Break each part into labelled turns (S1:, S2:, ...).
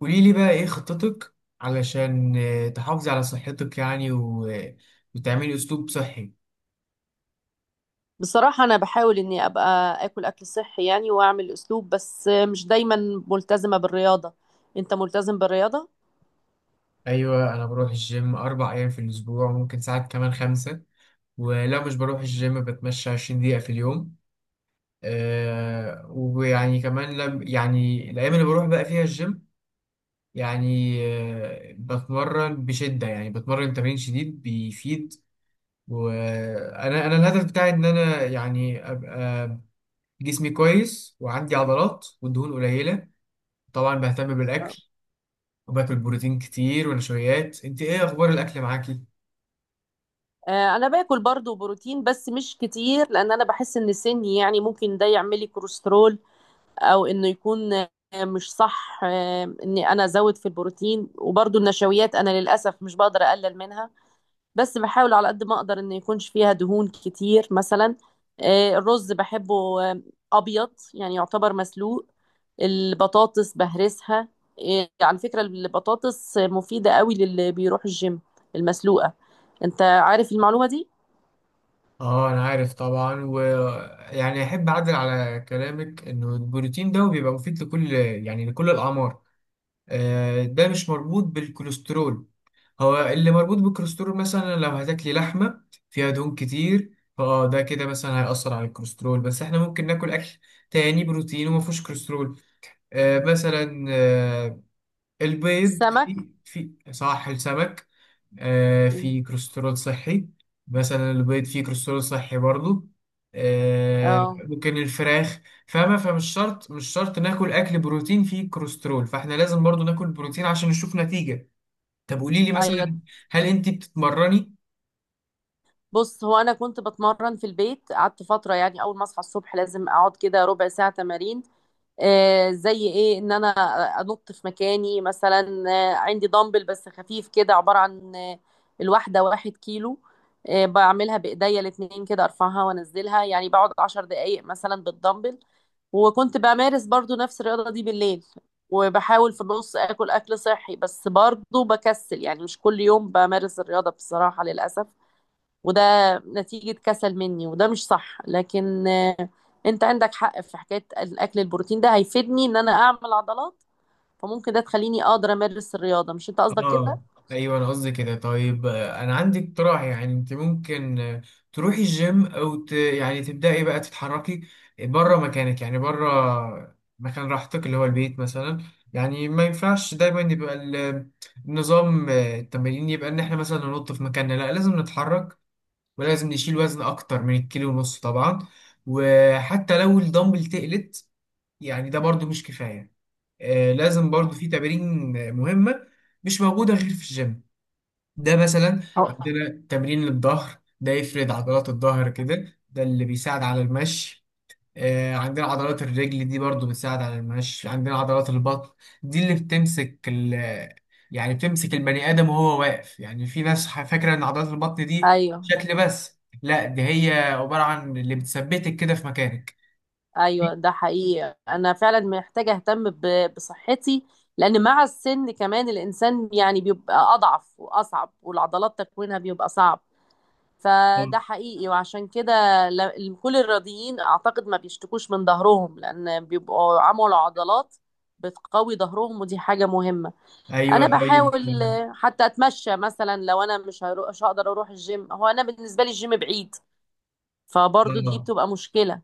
S1: قولي لي بقى ايه خطتك، علشان تحافظي على صحتك يعني وتعملي اسلوب صحي.
S2: بصراحة أنا بحاول إني أبقى آكل أكل صحي يعني وأعمل أسلوب، بس مش دايما ملتزمة بالرياضة. أنت ملتزم بالرياضة؟
S1: ايوه، انا بروح الجيم 4 ايام في الاسبوع، وممكن ساعات كمان 5. ولو مش بروح الجيم بتمشى 20 دقيقة في اليوم. ويعني كمان لم يعني الايام اللي بروح بقى فيها الجيم، يعني بتمرن بشدة، يعني بتمرن تمرين شديد بيفيد. وانا الهدف بتاعي ان انا يعني ابقى جسمي كويس وعندي عضلات والدهون قليلة. طبعا بهتم بالأكل،
S2: آه.
S1: وباكل بروتين كتير ونشويات. انت ايه اخبار الاكل معاكي؟
S2: أنا باكل برضو بروتين بس مش كتير، لأن أنا بحس إن سني يعني ممكن ده يعملي كوليسترول، أو إنه يكون مش صح إني أنا أزود في البروتين. وبرضو النشويات أنا للأسف مش بقدر أقلل منها، بس بحاول على قد ما أقدر إن يكونش فيها دهون كتير مثلا. الرز بحبه أبيض، يعني يعتبر مسلوق. البطاطس بهرسها. إيه، على فكرة البطاطس مفيدة قوي للي بيروح الجيم، المسلوقة. انت عارف المعلومة دي؟
S1: اه، انا عارف طبعا، ويعني احب اعدل على كلامك، انه البروتين ده بيبقى مفيد لكل يعني لكل الاعمار. ده مش مربوط بالكوليسترول. هو اللي مربوط بالكوليسترول مثلا لو هتاكلي لحمة فيها دهون كتير، فاه ده كده مثلا هيأثر على الكوليسترول، بس احنا ممكن ناكل اكل تاني بروتين وما فيهوش كوليسترول. مثلا، البيض
S2: السمك.
S1: في صح، السمك في كوليسترول صحي، مثلا البيض فيه كوليسترول صحي برضو،
S2: اه.
S1: ممكن الفراخ. فاهمة؟ فمش شرط، مش شرط ناكل أكل بروتين فيه كوليسترول، فاحنا لازم برضو ناكل بروتين عشان نشوف نتيجة. طب قولي لي
S2: ايوه.
S1: مثلا، هل انت بتتمرني؟
S2: بص، هو انا كنت بتمرن في البيت، قعدت فترة يعني اول ما اصحى الصبح لازم اقعد كده ربع ساعة تمارين. زي ايه؟ ان انا انط في مكاني مثلا. عندي دمبل بس خفيف كده، عبارة عن الواحدة 1 كيلو. بعملها بايديا الاتنين كده، ارفعها وانزلها، يعني بقعد 10 دقايق مثلا بالدمبل. وكنت بمارس برضو نفس الرياضة دي بالليل. وبحاول في النص اكل اكل صحي، بس برضو بكسل يعني مش كل يوم بمارس الرياضة بصراحة، للأسف. وده نتيجة كسل مني، وده مش صح، لكن انت عندك حق في حكاية الاكل. البروتين ده هيفيدني ان انا اعمل عضلات، فممكن ده تخليني اقدر امارس الرياضة. مش انت قصدك كده؟
S1: اه، ايوه انا قصدي كده. طيب، انا عندي اقتراح. يعني انت ممكن تروحي الجيم او يعني تبداي بقى تتحركي بره مكانك، يعني بره مكان راحتك اللي هو البيت مثلا. يعني ما ينفعش دايما يبقى النظام، التمرين يبقى ان احنا مثلا ننط في مكاننا. لا، لازم نتحرك، ولازم نشيل وزن اكتر من الكيلو ونص طبعا، وحتى لو الدمبل تقلت، يعني ده برضو مش كفاية. لازم برضو في تمارين مهمة مش موجودة غير في الجيم. ده مثلا
S2: أو-
S1: عندنا تمرين للظهر، ده يفرد عضلات الظهر كده، ده اللي بيساعد على المشي. عندنا عضلات الرجل دي برضو بتساعد على المشي. عندنا عضلات البطن دي اللي بتمسك يعني بتمسك البني آدم وهو واقف. يعني في ناس فاكرة إن عضلات البطن دي
S2: ايوه
S1: شكل، بس لا، دي هي عبارة عن اللي بتثبتك كده في مكانك.
S2: ايوه، ده حقيقي. انا فعلا محتاجة اهتم بصحتي، لان مع السن كمان الانسان يعني بيبقى اضعف واصعب، والعضلات تكوينها بيبقى صعب. فده
S1: مم.
S2: حقيقي، وعشان كده كل الرياضيين اعتقد ما بيشتكوش من ظهرهم، لان بيبقوا عملوا عضلات بتقوي ظهرهم، ودي حاجة مهمة.
S1: أيوه،
S2: انا
S1: طيب.
S2: بحاول حتى اتمشى مثلا، لو انا مش مش هقدر اروح الجيم. هو انا بالنسبة لي الجيم بعيد، فبرضو دي
S1: آه.
S2: بتبقى مشكلة.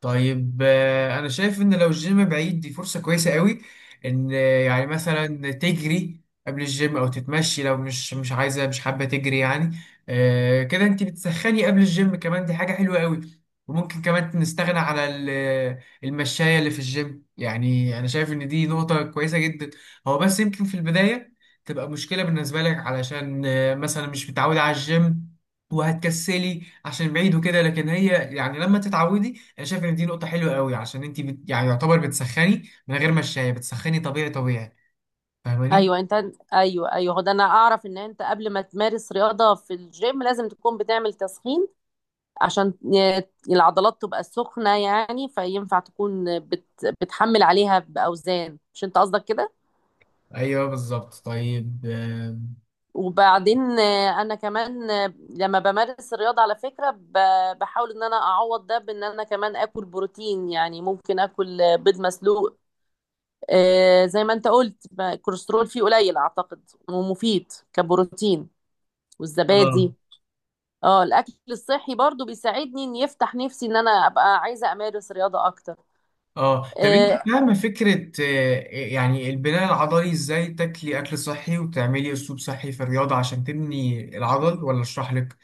S1: طيب، انا شايف ان لو الجيم بعيد دي فرصة كويسة قوي. ان يعني مثلا تجري قبل الجيم، او تتمشي لو مش عايزة، مش حابة تجري يعني. كده انت بتسخني قبل الجيم، كمان دي حاجة حلوة قوي. وممكن كمان نستغنى على المشاية اللي في الجيم. يعني انا شايف ان دي نقطة كويسة جدا. هو بس يمكن في البداية تبقى مشكلة بالنسبة لك، علشان مثلا مش متعودة على الجيم، وهتكسلي عشان بعيد وكده. لكن هي يعني لما تتعودي، انا شايف ان دي نقطه حلوه قوي، عشان انت يعني يعتبر بتسخني من غير ما الشاي. بتسخني طبيعي طبيعي. فاهماني؟
S2: ايوه انت. ايوه ايوه، هو ده. انا اعرف ان انت قبل ما تمارس رياضة في الجيم لازم تكون بتعمل تسخين، عشان العضلات تبقى سخنة، يعني فينفع تكون بتحمل عليها بأوزان. مش انت قصدك كده؟
S1: ايوه بالظبط. طيب،
S2: وبعدين انا كمان لما بمارس الرياضة على فكرة بحاول ان انا اعوض ده بان انا كمان اكل بروتين، يعني ممكن اكل بيض مسلوق. زي ما انت قلت الكوليسترول فيه قليل اعتقد، ومفيد كبروتين.
S1: اه
S2: والزبادي. اه. الاكل الصحي برضو بيساعدني ان يفتح نفسي ان انا ابقى عايزة امارس رياضة اكتر.
S1: اه، طب
S2: آه،
S1: انت فاهمه فكره يعني البناء العضلي، ازاي تاكلي اكل صحي وتعملي اسلوب صحي في الرياضه عشان تبني العضل، ولا اشرح لك؟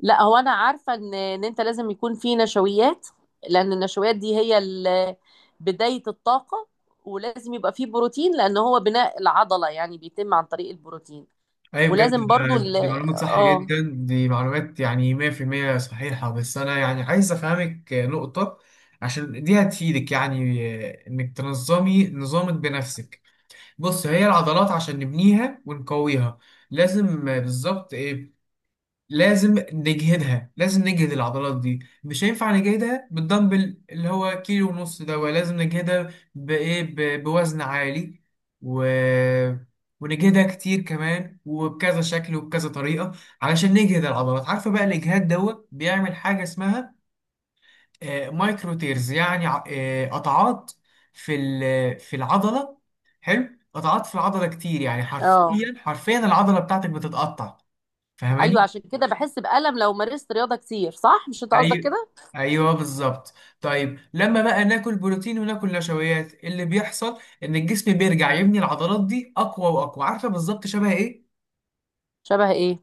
S2: لا، هو انا عارفه ان انت لازم يكون في نشويات، لان النشويات دي هي بدايه الطاقه. ولازم يبقى فيه بروتين، لان هو بناء العضله يعني بيتم عن طريق البروتين.
S1: ايوه بجد،
S2: ولازم برضو
S1: دي معلومات صح
S2: اه
S1: جدا، دي معلومات يعني 100% صحيحة. بس انا يعني عايز افهمك نقطة، عشان دي هتفيدك يعني انك تنظمي نظامك بنفسك. بص، هي العضلات عشان نبنيها ونقويها لازم بالظبط إيه؟ لازم نجهدها، لازم نجهد العضلات دي. مش هينفع نجهدها بالدمبل اللي هو 1.5 كيلو ده، ولازم نجهدها بإيه؟ بوزن عالي، و... ونجهدها كتير كمان، وبكذا شكل وبكذا طريقة، علشان نجهد العضلات. عارفة بقى الإجهاد دوت بيعمل حاجة اسمها مايكرو تيرز، يعني قطعات في العضلة. حلو، قطعات في العضلة كتير، يعني
S2: اه.
S1: حرفيا حرفيا العضلة بتاعتك بتتقطع.
S2: ايوه،
S1: فاهماني؟
S2: عشان كده بحس بألم لو مارست رياضه كتير. صح؟ مش انت قصدك
S1: ايوه
S2: كده؟
S1: ايوه، بالظبط. طيب لما بقى ناكل بروتين وناكل نشويات، اللي بيحصل ان الجسم بيرجع يبني العضلات دي اقوى واقوى. عارفه بالظبط شبه ايه؟
S2: شبه ايه؟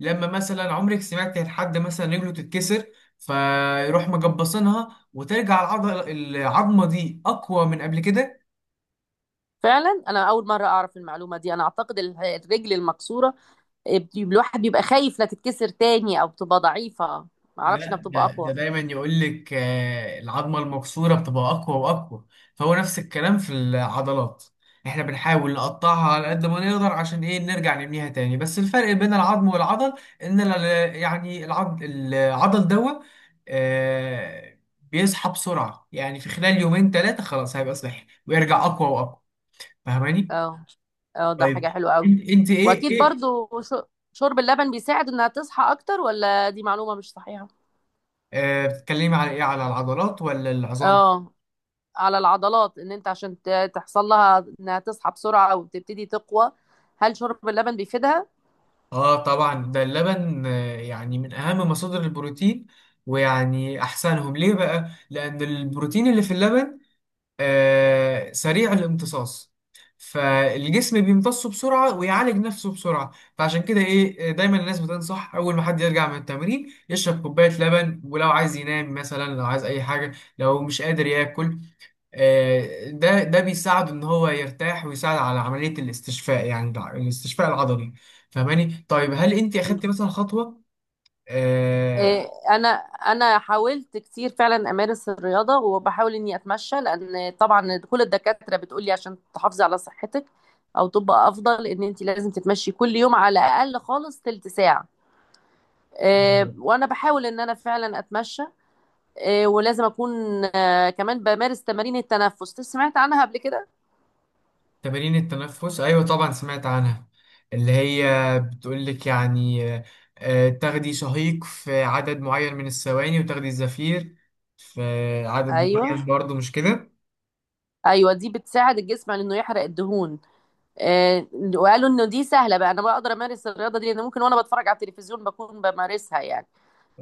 S1: لما مثلا عمرك سمعت عن حد مثلا رجله تتكسر، فيروح مجبصينها وترجع العضله، العظمه دي اقوى من قبل كده.
S2: فعلا انا اول مره اعرف المعلومه دي. انا اعتقد الرجل المكسوره، إيه، الواحد بيبقى خايف لا تتكسر تاني او بتبقى ضعيفه. ما اعرفش انها
S1: لا،
S2: بتبقى
S1: ده
S2: اقوى.
S1: دايما يقول لك العظمه المكسوره بتبقى اقوى واقوى. فهو نفس الكلام في العضلات، احنا بنحاول نقطعها على قد ما نقدر عشان ايه؟ نرجع نبنيها تاني. بس الفرق بين العظم والعضل ان يعني العضل، دوا آه، بيصحى بسرعه، يعني في خلال 2 يوم 3 خلاص هيبقى صحي ويرجع اقوى واقوى. فاهماني؟
S2: اه اه، ده
S1: طيب،
S2: حاجة حلوة قوي.
S1: انت ايه
S2: واكيد برضو شرب اللبن بيساعد انها تصحى اكتر؟ ولا دي معلومة مش صحيحة؟
S1: بتتكلمي على ايه؟ على العضلات ولا العظام؟
S2: اه. على العضلات. ان انت عشان تحصل لها انها تصحى بسرعة او تبتدي تقوى، هل شرب اللبن بيفيدها؟
S1: اه طبعا، ده اللبن يعني من اهم مصادر البروتين، ويعني احسنهم ليه بقى لان البروتين اللي في اللبن سريع الامتصاص. فالجسم بيمتصه بسرعة ويعالج نفسه بسرعة. فعشان كده ايه، دايما الناس بتنصح اول ما حد يرجع من التمرين يشرب كوباية لبن. ولو عايز ينام، مثلا لو عايز اي حاجة، لو مش قادر ياكل، ده بيساعد ان هو يرتاح ويساعد على عمليه الاستشفاء، يعني الاستشفاء العضلي. فاهماني؟ طيب هل انت اخدتي مثلا خطوه آه،
S2: إيه، انا حاولت كتير فعلا امارس الرياضه، وبحاول اني اتمشى. لان طبعا كل الدكاتره بتقولي عشان تحافظي على صحتك او تبقى افضل ان انت لازم تتمشي كل يوم على الاقل خالص تلت ساعه. وانا بحاول ان انا فعلا اتمشى. ولازم اكون كمان بمارس تمارين التنفس. سمعت عنها قبل كده؟
S1: تمارين التنفس؟ ايوه طبعا سمعت عنها، اللي هي بتقول لك يعني تاخدي شهيق في عدد معين من الثواني وتاخدي زفير في عدد معين
S2: ايوه
S1: برضه، مش كده؟
S2: ايوه، دي بتساعد الجسم على انه يحرق الدهون. آه، وقالوا انه دي سهله بقى، انا بقدر امارس الرياضه دي، لان ممكن وانا بتفرج على التلفزيون بكون بمارسها يعني.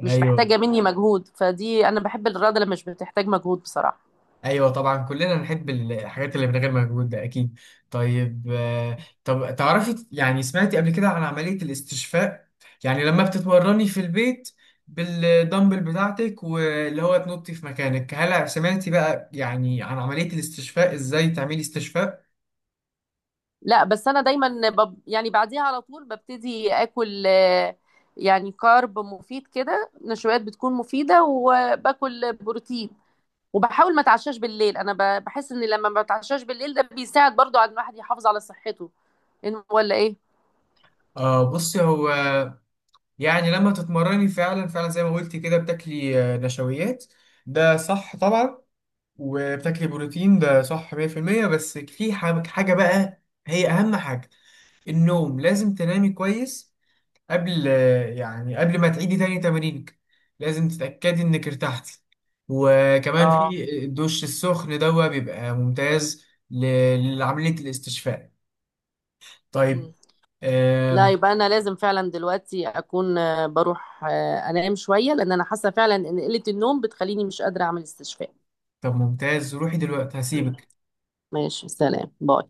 S2: مش
S1: ايوه
S2: محتاجه مني مجهود، فدي انا بحب الرياضه اللي مش بتحتاج مجهود بصراحه.
S1: ايوه. طبعا كلنا نحب الحاجات اللي من غير مجهود، ده اكيد. طيب طب تعرفي يعني، سمعتي قبل كده عن عمليه الاستشفاء؟ يعني لما بتتمرني في البيت بالدمبل بتاعتك واللي هو تنطي في مكانك، هل سمعتي بقى يعني عن عمليه الاستشفاء، ازاي تعملي استشفاء؟
S2: لا، بس انا دايما يعني بعديها على طول ببتدي اكل يعني كارب مفيد كده. نشويات بتكون مفيده، وباكل بروتين. وبحاول ما اتعشاش بالليل. انا بحس ان لما ما بتعشاش بالليل ده بيساعد برضو على ان الواحد يحافظ على صحته. ولا ايه؟
S1: بصي، هو يعني لما تتمرني فعلا فعلا زي ما قلتي كده بتاكلي نشويات، ده صح طبعا، وبتاكل بروتين، ده صح 100%. بس في حاجة بقى، هي أهم حاجة، النوم. لازم تنامي كويس قبل، يعني قبل ما تعيدي تاني تمرينك، لازم تتأكدي إنك ارتحتي. وكمان
S2: اه.
S1: في الدش السخن، ده بيبقى ممتاز لعملية الاستشفاء. طيب
S2: مم. لا،
S1: آم،
S2: يبقى انا لازم فعلا دلوقتي اكون بروح انام شويه، لان انا حاسه فعلا ان قله النوم بتخليني مش قادره اعمل استشفاء.
S1: طب ممتاز، روحي دلوقتي، هسيبك.
S2: ماشي، سلام، باي.